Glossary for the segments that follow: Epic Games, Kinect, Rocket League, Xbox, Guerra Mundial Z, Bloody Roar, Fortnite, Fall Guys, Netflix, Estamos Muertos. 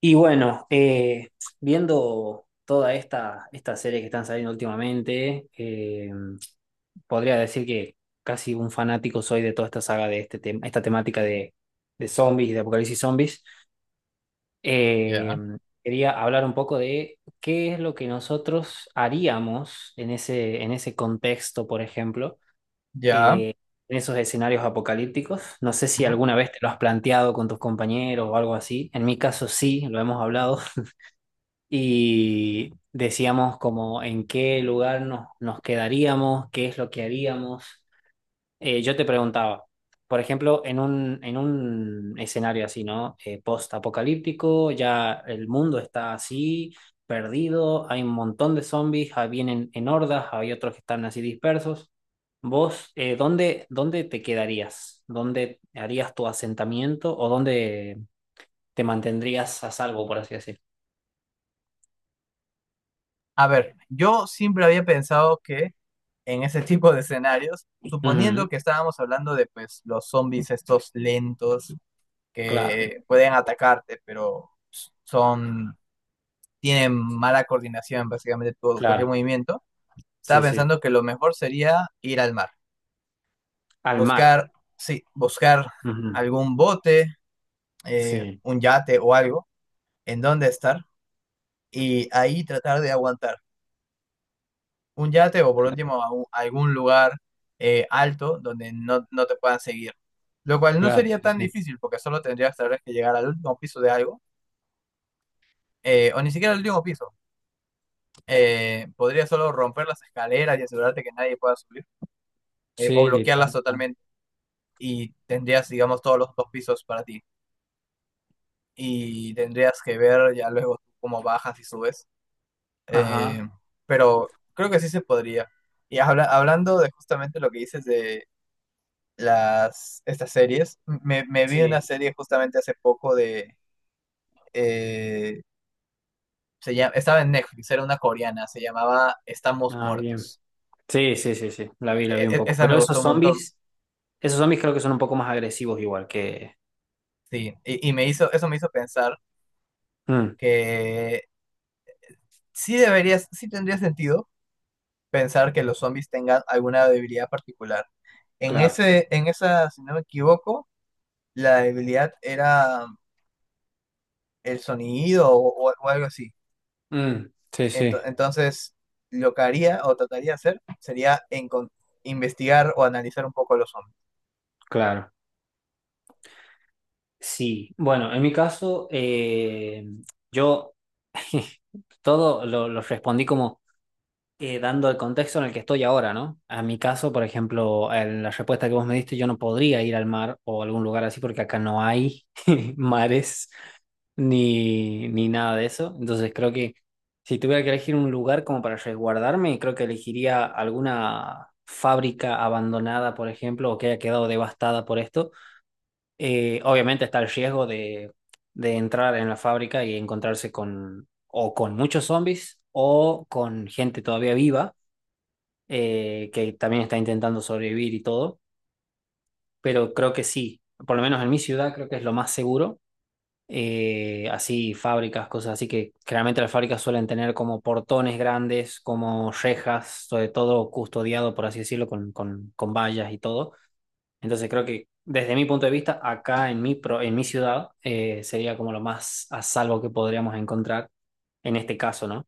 Y bueno, viendo toda esta serie que están saliendo últimamente, podría decir que casi un fanático soy de toda esta saga de este tema, esta temática de zombies y de apocalipsis zombies. Eh, Ya, quería hablar un poco de qué es lo que nosotros haríamos en ese contexto, por ejemplo, ya. eh, en esos escenarios apocalípticos. No sé si Ujú. alguna vez te lo has planteado con tus compañeros o algo así. En mi caso sí, lo hemos hablado y decíamos como en qué lugar nos quedaríamos, qué es lo que haríamos. Yo te preguntaba, por ejemplo, en un escenario así, ¿no? Post-apocalíptico, ya el mundo está así, perdido, hay un montón de zombies, ah, vienen en hordas, hay otros que están así dispersos. ¿Vos, dónde te quedarías? ¿Dónde harías tu asentamiento o dónde te mantendrías a salvo, por así decir? A ver, yo siempre había pensado que en ese tipo de escenarios, suponiendo Ujú, que estábamos hablando de pues los zombies estos lentos claro, que pueden atacarte, pero son, tienen mala coordinación básicamente todo, cualquier claro. movimiento, Sí, estaba sí. pensando que lo mejor sería ir al mar, Al mar. buscar, sí, buscar Ujú. algún bote, Sí, un yate o algo en donde estar y ahí tratar de aguantar un yate o por último a algún lugar alto donde no, no te puedan seguir. Lo cual no claro, sería sí, tan sí. difícil porque solo tendrías tal vez que llegar al último piso de algo, o ni siquiera al último piso. Podrías solo romper las escaleras y asegurarte que nadie pueda subir, o Sí, bloquearlas literal. totalmente y tendrías, digamos, todos los dos pisos para ti. Y tendrías que ver ya luego cómo bajas y subes. Ajá, Eh, pero creo que sí se podría. Y hablando de justamente lo que dices de las, estas series. Me vi una sí. serie justamente hace poco de... eh, Se llama, estaba en Netflix, era una coreana, se llamaba Estamos Ah, bien. Muertos. Sí, sí, sí, sí. La vi un poco. Esa Pero me gustó un montón, esos zombies creo que son un poco más agresivos igual que... sí. Y me hizo, eso me hizo pensar Mm, que sí deberías, sí tendría sentido pensar que los zombies tengan alguna debilidad particular. Claro. En esa, si no me equivoco, la debilidad era el sonido o o algo así. Mm, sí, sí, Entonces, lo que haría o trataría de hacer sería investigar o analizar un poco los zombies. claro. Sí. Bueno, en mi caso, yo todo lo respondí como... dando el contexto en el que estoy ahora, ¿no? A mi caso, por ejemplo, en la respuesta que vos me diste, yo no podría ir al mar o a algún lugar así porque acá no hay mares ni nada de eso. Entonces creo que si tuviera que elegir un lugar como para resguardarme, creo que elegiría alguna fábrica abandonada, por ejemplo, o que haya quedado devastada por esto. Obviamente está el riesgo de entrar en la fábrica y encontrarse con o con muchos zombies o con gente todavía viva que también está intentando sobrevivir y todo, pero creo que sí, por lo menos en mi ciudad creo que es lo más seguro, así fábricas, cosas así que generalmente las fábricas suelen tener como portones grandes, como rejas, sobre todo custodiado, por así decirlo, con vallas y todo. Entonces creo que desde mi punto de vista, acá en mi, pro- en mi ciudad, sería como lo más a salvo que podríamos encontrar en este caso, ¿no?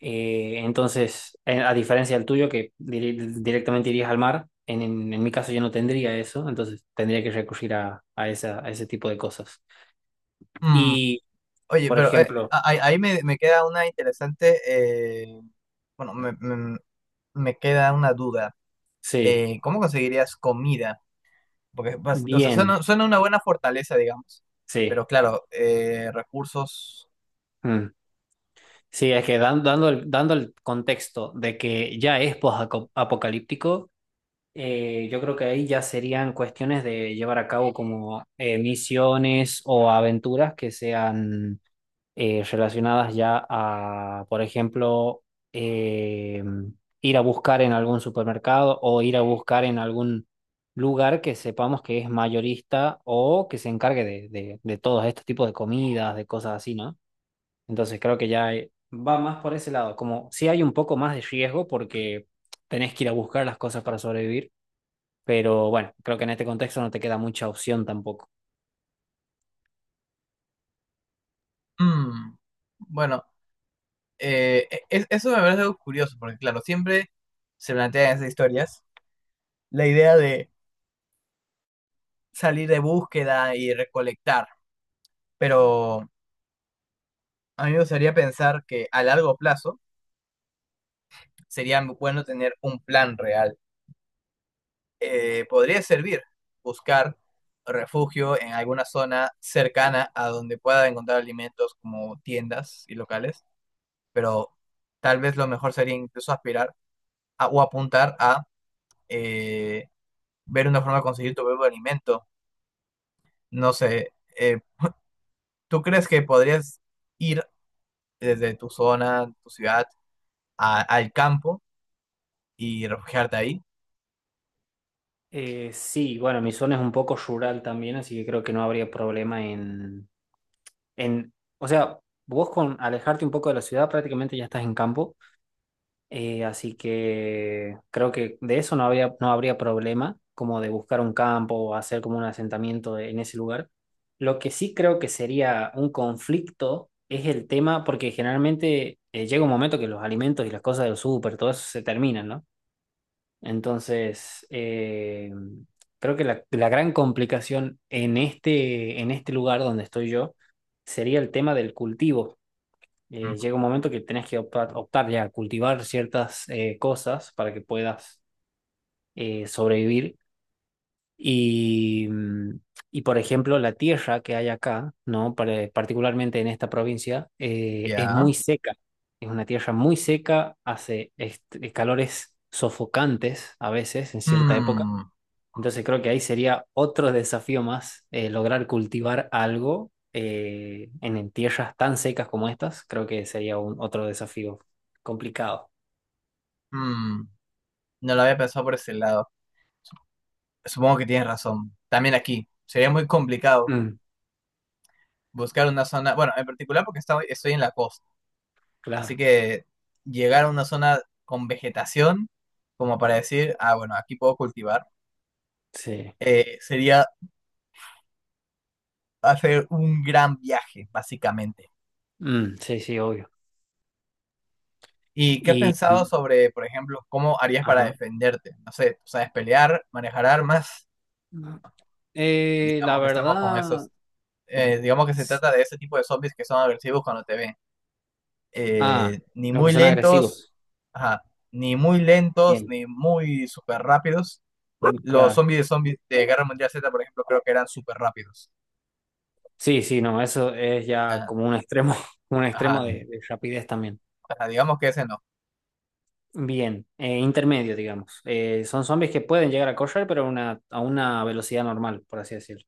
Entonces, a diferencia del tuyo, que dire- directamente irías al mar, en mi caso yo no tendría eso, entonces tendría que recurrir a esa, a ese tipo de cosas. Mm. Y, Oye, por pero ejemplo, ahí ahí me, me queda una interesante, bueno, me queda una duda. sí, ¿Cómo conseguirías comida? Porque, pues, o sea, bien, suena, suena una buena fortaleza, digamos, pero sí. claro, recursos... Mm. Sí, es que dan- dando el contexto de que ya es post-apocalíptico, yo creo que ahí ya serían cuestiones de llevar a cabo como misiones o aventuras que sean relacionadas ya a, por ejemplo, eh, ir a buscar en algún supermercado o ir a buscar en algún lugar que sepamos que es mayorista o que se encargue de todos estos tipos de comidas, de cosas así, ¿no? Entonces creo que ya va más por ese lado, como si hay un poco más de riesgo porque tenés que ir a buscar las cosas para sobrevivir, pero bueno, creo que en este contexto no te queda mucha opción tampoco. mm, bueno, eso me parece algo curioso, porque claro, siempre se plantean esas historias la idea de salir de búsqueda y recolectar, pero a mí me gustaría pensar que a largo plazo sería bueno tener un plan real. Podría servir buscar refugio en alguna zona cercana a donde pueda encontrar alimentos como tiendas y locales, pero tal vez lo mejor sería incluso aspirar o apuntar a eh, ver una forma de conseguir tu propio alimento. No sé, ¿tú crees que podrías ir desde tu zona, tu ciudad? A al campo y refugiarte ahí. Sí, bueno, mi zona es un poco rural también, así que creo que no habría problema en, o sea, vos con alejarte un poco de la ciudad prácticamente ya estás en campo, así que creo que de eso no habría, no habría problema, como de buscar un campo o hacer como un asentamiento de- en ese lugar. Lo que sí creo que sería un conflicto es el tema, porque generalmente llega un momento que los alimentos y las cosas del súper, todo eso se terminan, ¿no? Entonces, creo que la gran complicación en este lugar donde estoy yo sería el tema del cultivo. Ujú. Llega un momento que tenés que optar, optar ya a cultivar ciertas cosas para que puedas sobrevivir. Y, mm, y, por ejemplo, la tierra que hay acá, ¿no? Pare- particularmente en esta provincia, es Ya. muy seca. Es una tierra muy seca, hace est- calores sofocantes a veces en cierta época. Mm, Entonces creo que ahí sería otro desafío más, lograr cultivar algo en tierras tan secas como estas, creo que sería un, otro desafío complicado. mm, no lo había pensado por ese lado. Supongo que tienes razón. También aquí. Sería muy complicado Mm, buscar una zona, bueno, en particular porque estoy, estoy en la costa. Así claro, que llegar a una zona con vegetación, como para decir, ah, bueno, aquí puedo cultivar, sí. Sería hacer un gran viaje, básicamente. Mm, sí, sí, obvio. ¿Y qué has Y, pensado sobre, por ejemplo, cómo harías para ajá. defenderte? No sé, ¿sabes pelear, manejar armas? La Digamos que estamos con esos, verdad, digamos que se s- trata de ese tipo de zombies que son agresivos cuando te ven. ah, Ni los que muy son lentos, agresivos, ajá, ni muy lentos, bien, ni muy súper rápidos. Los claro. Zombies de Guerra Mundial Z, por ejemplo, creo que eran súper rápidos. Sí, sí, no, eso es ya Ah, como un extremo, un extremo ajá, de rapidez también. ajá, digamos que ese no. Bien, intermedio, digamos. Son zombies que pueden llegar a correr, pero a una velocidad normal, por así decirlo.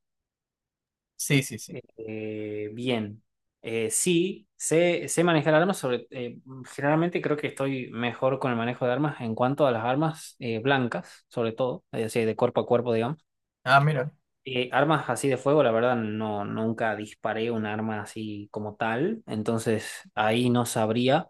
Sí, sí, sí. Bien. Sí, sé, sé manejar armas, sobre, generalmente creo que estoy mejor con el manejo de armas en cuanto a las armas blancas, sobre todo, es decir, de cuerpo a cuerpo, digamos. Ah, mira, Armas así de fuego, la verdad, no, nunca disparé un arma así como tal, entonces ahí no sabría.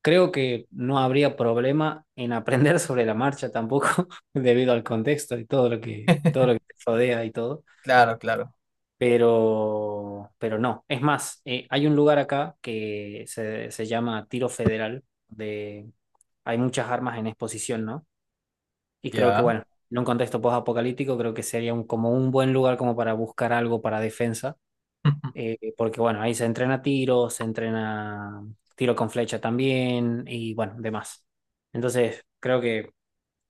Creo que no habría problema en aprender sobre la marcha tampoco, debido al contexto y todo lo que te rodea y todo. claro, claro. Pero no. Es más, hay un lugar acá que se llama Tiro Federal, de, hay muchas armas en exposición, ¿no? Y creo que, Ya. bueno, en un contexto post-apocalíptico, creo que sería un, como un buen lugar como para buscar algo para defensa, porque, bueno, ahí se entrena tiro con flecha también y, bueno, demás. Entonces, creo que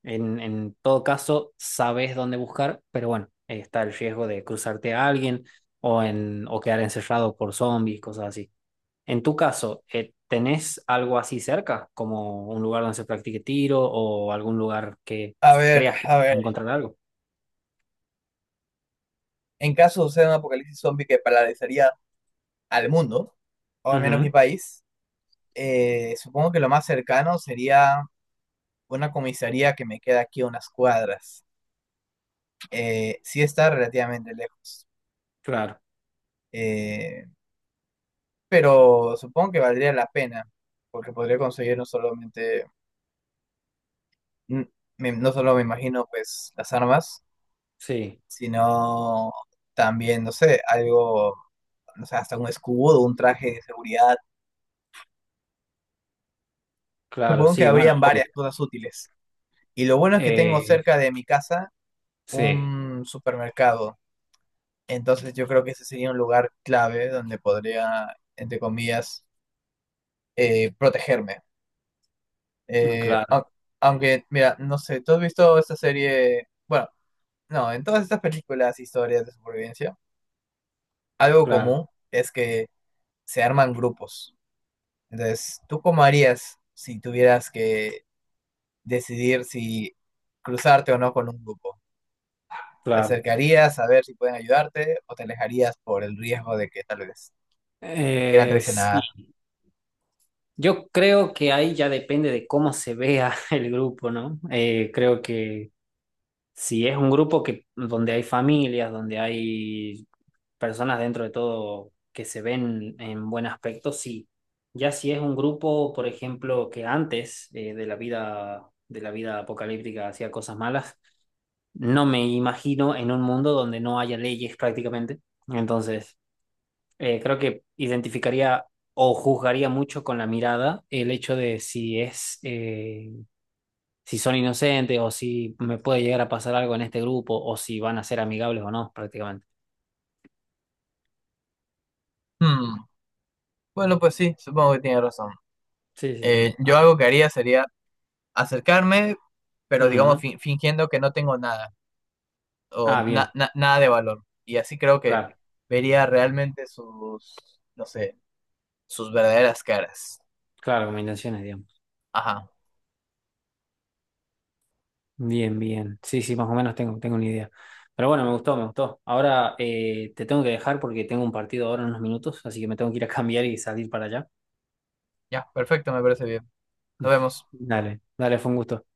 en todo caso sabes dónde buscar, pero bueno, está el riesgo de cruzarte a alguien o, en, o quedar encerrado por zombies, cosas así. En tu caso, ¿tenés algo así cerca, como un lugar donde se practique tiro o algún lugar que A pues, ver, creas que a ver. vas a encontrar algo? En caso suceda un apocalipsis zombie que paralizaría al mundo, o al menos mi Ujú. país, supongo que lo más cercano sería una comisaría que me queda aquí a unas cuadras. Sí está relativamente lejos, Claro, eh, pero supongo que valdría la pena, porque podría conseguir no solamente, n- no solo me imagino pues las armas, sí, sino también, no sé, algo, no sé, hasta un escudo, un traje de seguridad. claro, Supongo que sí, bueno, habrían varias obvio. cosas útiles. Y lo bueno es que tengo Eh, cerca de mi casa sí, un supermercado. Entonces yo creo que ese sería un lugar clave donde podría, entre comillas, protegerme. mm, Eh, claro, au- Aunque, mira, no sé, ¿tú has visto esta serie? Bueno, no, en todas estas películas, historias de supervivencia, algo claro, común es que se arman grupos. Entonces, ¿tú cómo harías si tuvieras que decidir si cruzarte o no con un grupo? ¿Te claro. acercarías a ver si pueden ayudarte o te alejarías por el riesgo de que tal vez te quieran traicionar? Sí, yo creo que ahí ya depende de cómo se vea el grupo, ¿no? Creo que si es un grupo que donde hay familias, donde hay personas dentro de todo que se ven en buen aspecto, sí. Ya si es un grupo, por ejemplo, que antes de la vida apocalíptica hacía cosas malas, no me imagino en un mundo donde no haya leyes prácticamente. Entonces, creo que identificaría o juzgaría mucho con la mirada el hecho de si es, si son inocentes o si me puede llegar a pasar algo en este grupo o si van a ser amigables o no, prácticamente. Hmm. Bueno, pues sí, supongo que tiene razón. Sí, sí, sí. Ah, Yo algo que haría sería acercarme, pero digamos ujú. Fingiendo que no tengo nada o Ah, bien. Nada de valor. Y así creo que Claro, vería realmente sus, no sé, sus verdaderas caras. claro, combinaciones, digamos. Ajá, Bien, bien. Sí, sí, más o menos tengo, tengo una idea. Pero bueno, me gustó, me gustó. Ahora te tengo que dejar porque tengo un partido ahora en unos minutos, así que me tengo que ir a cambiar y salir para allá. ya, perfecto, me parece bien. Nos vemos. Dale, dale, fue un gusto.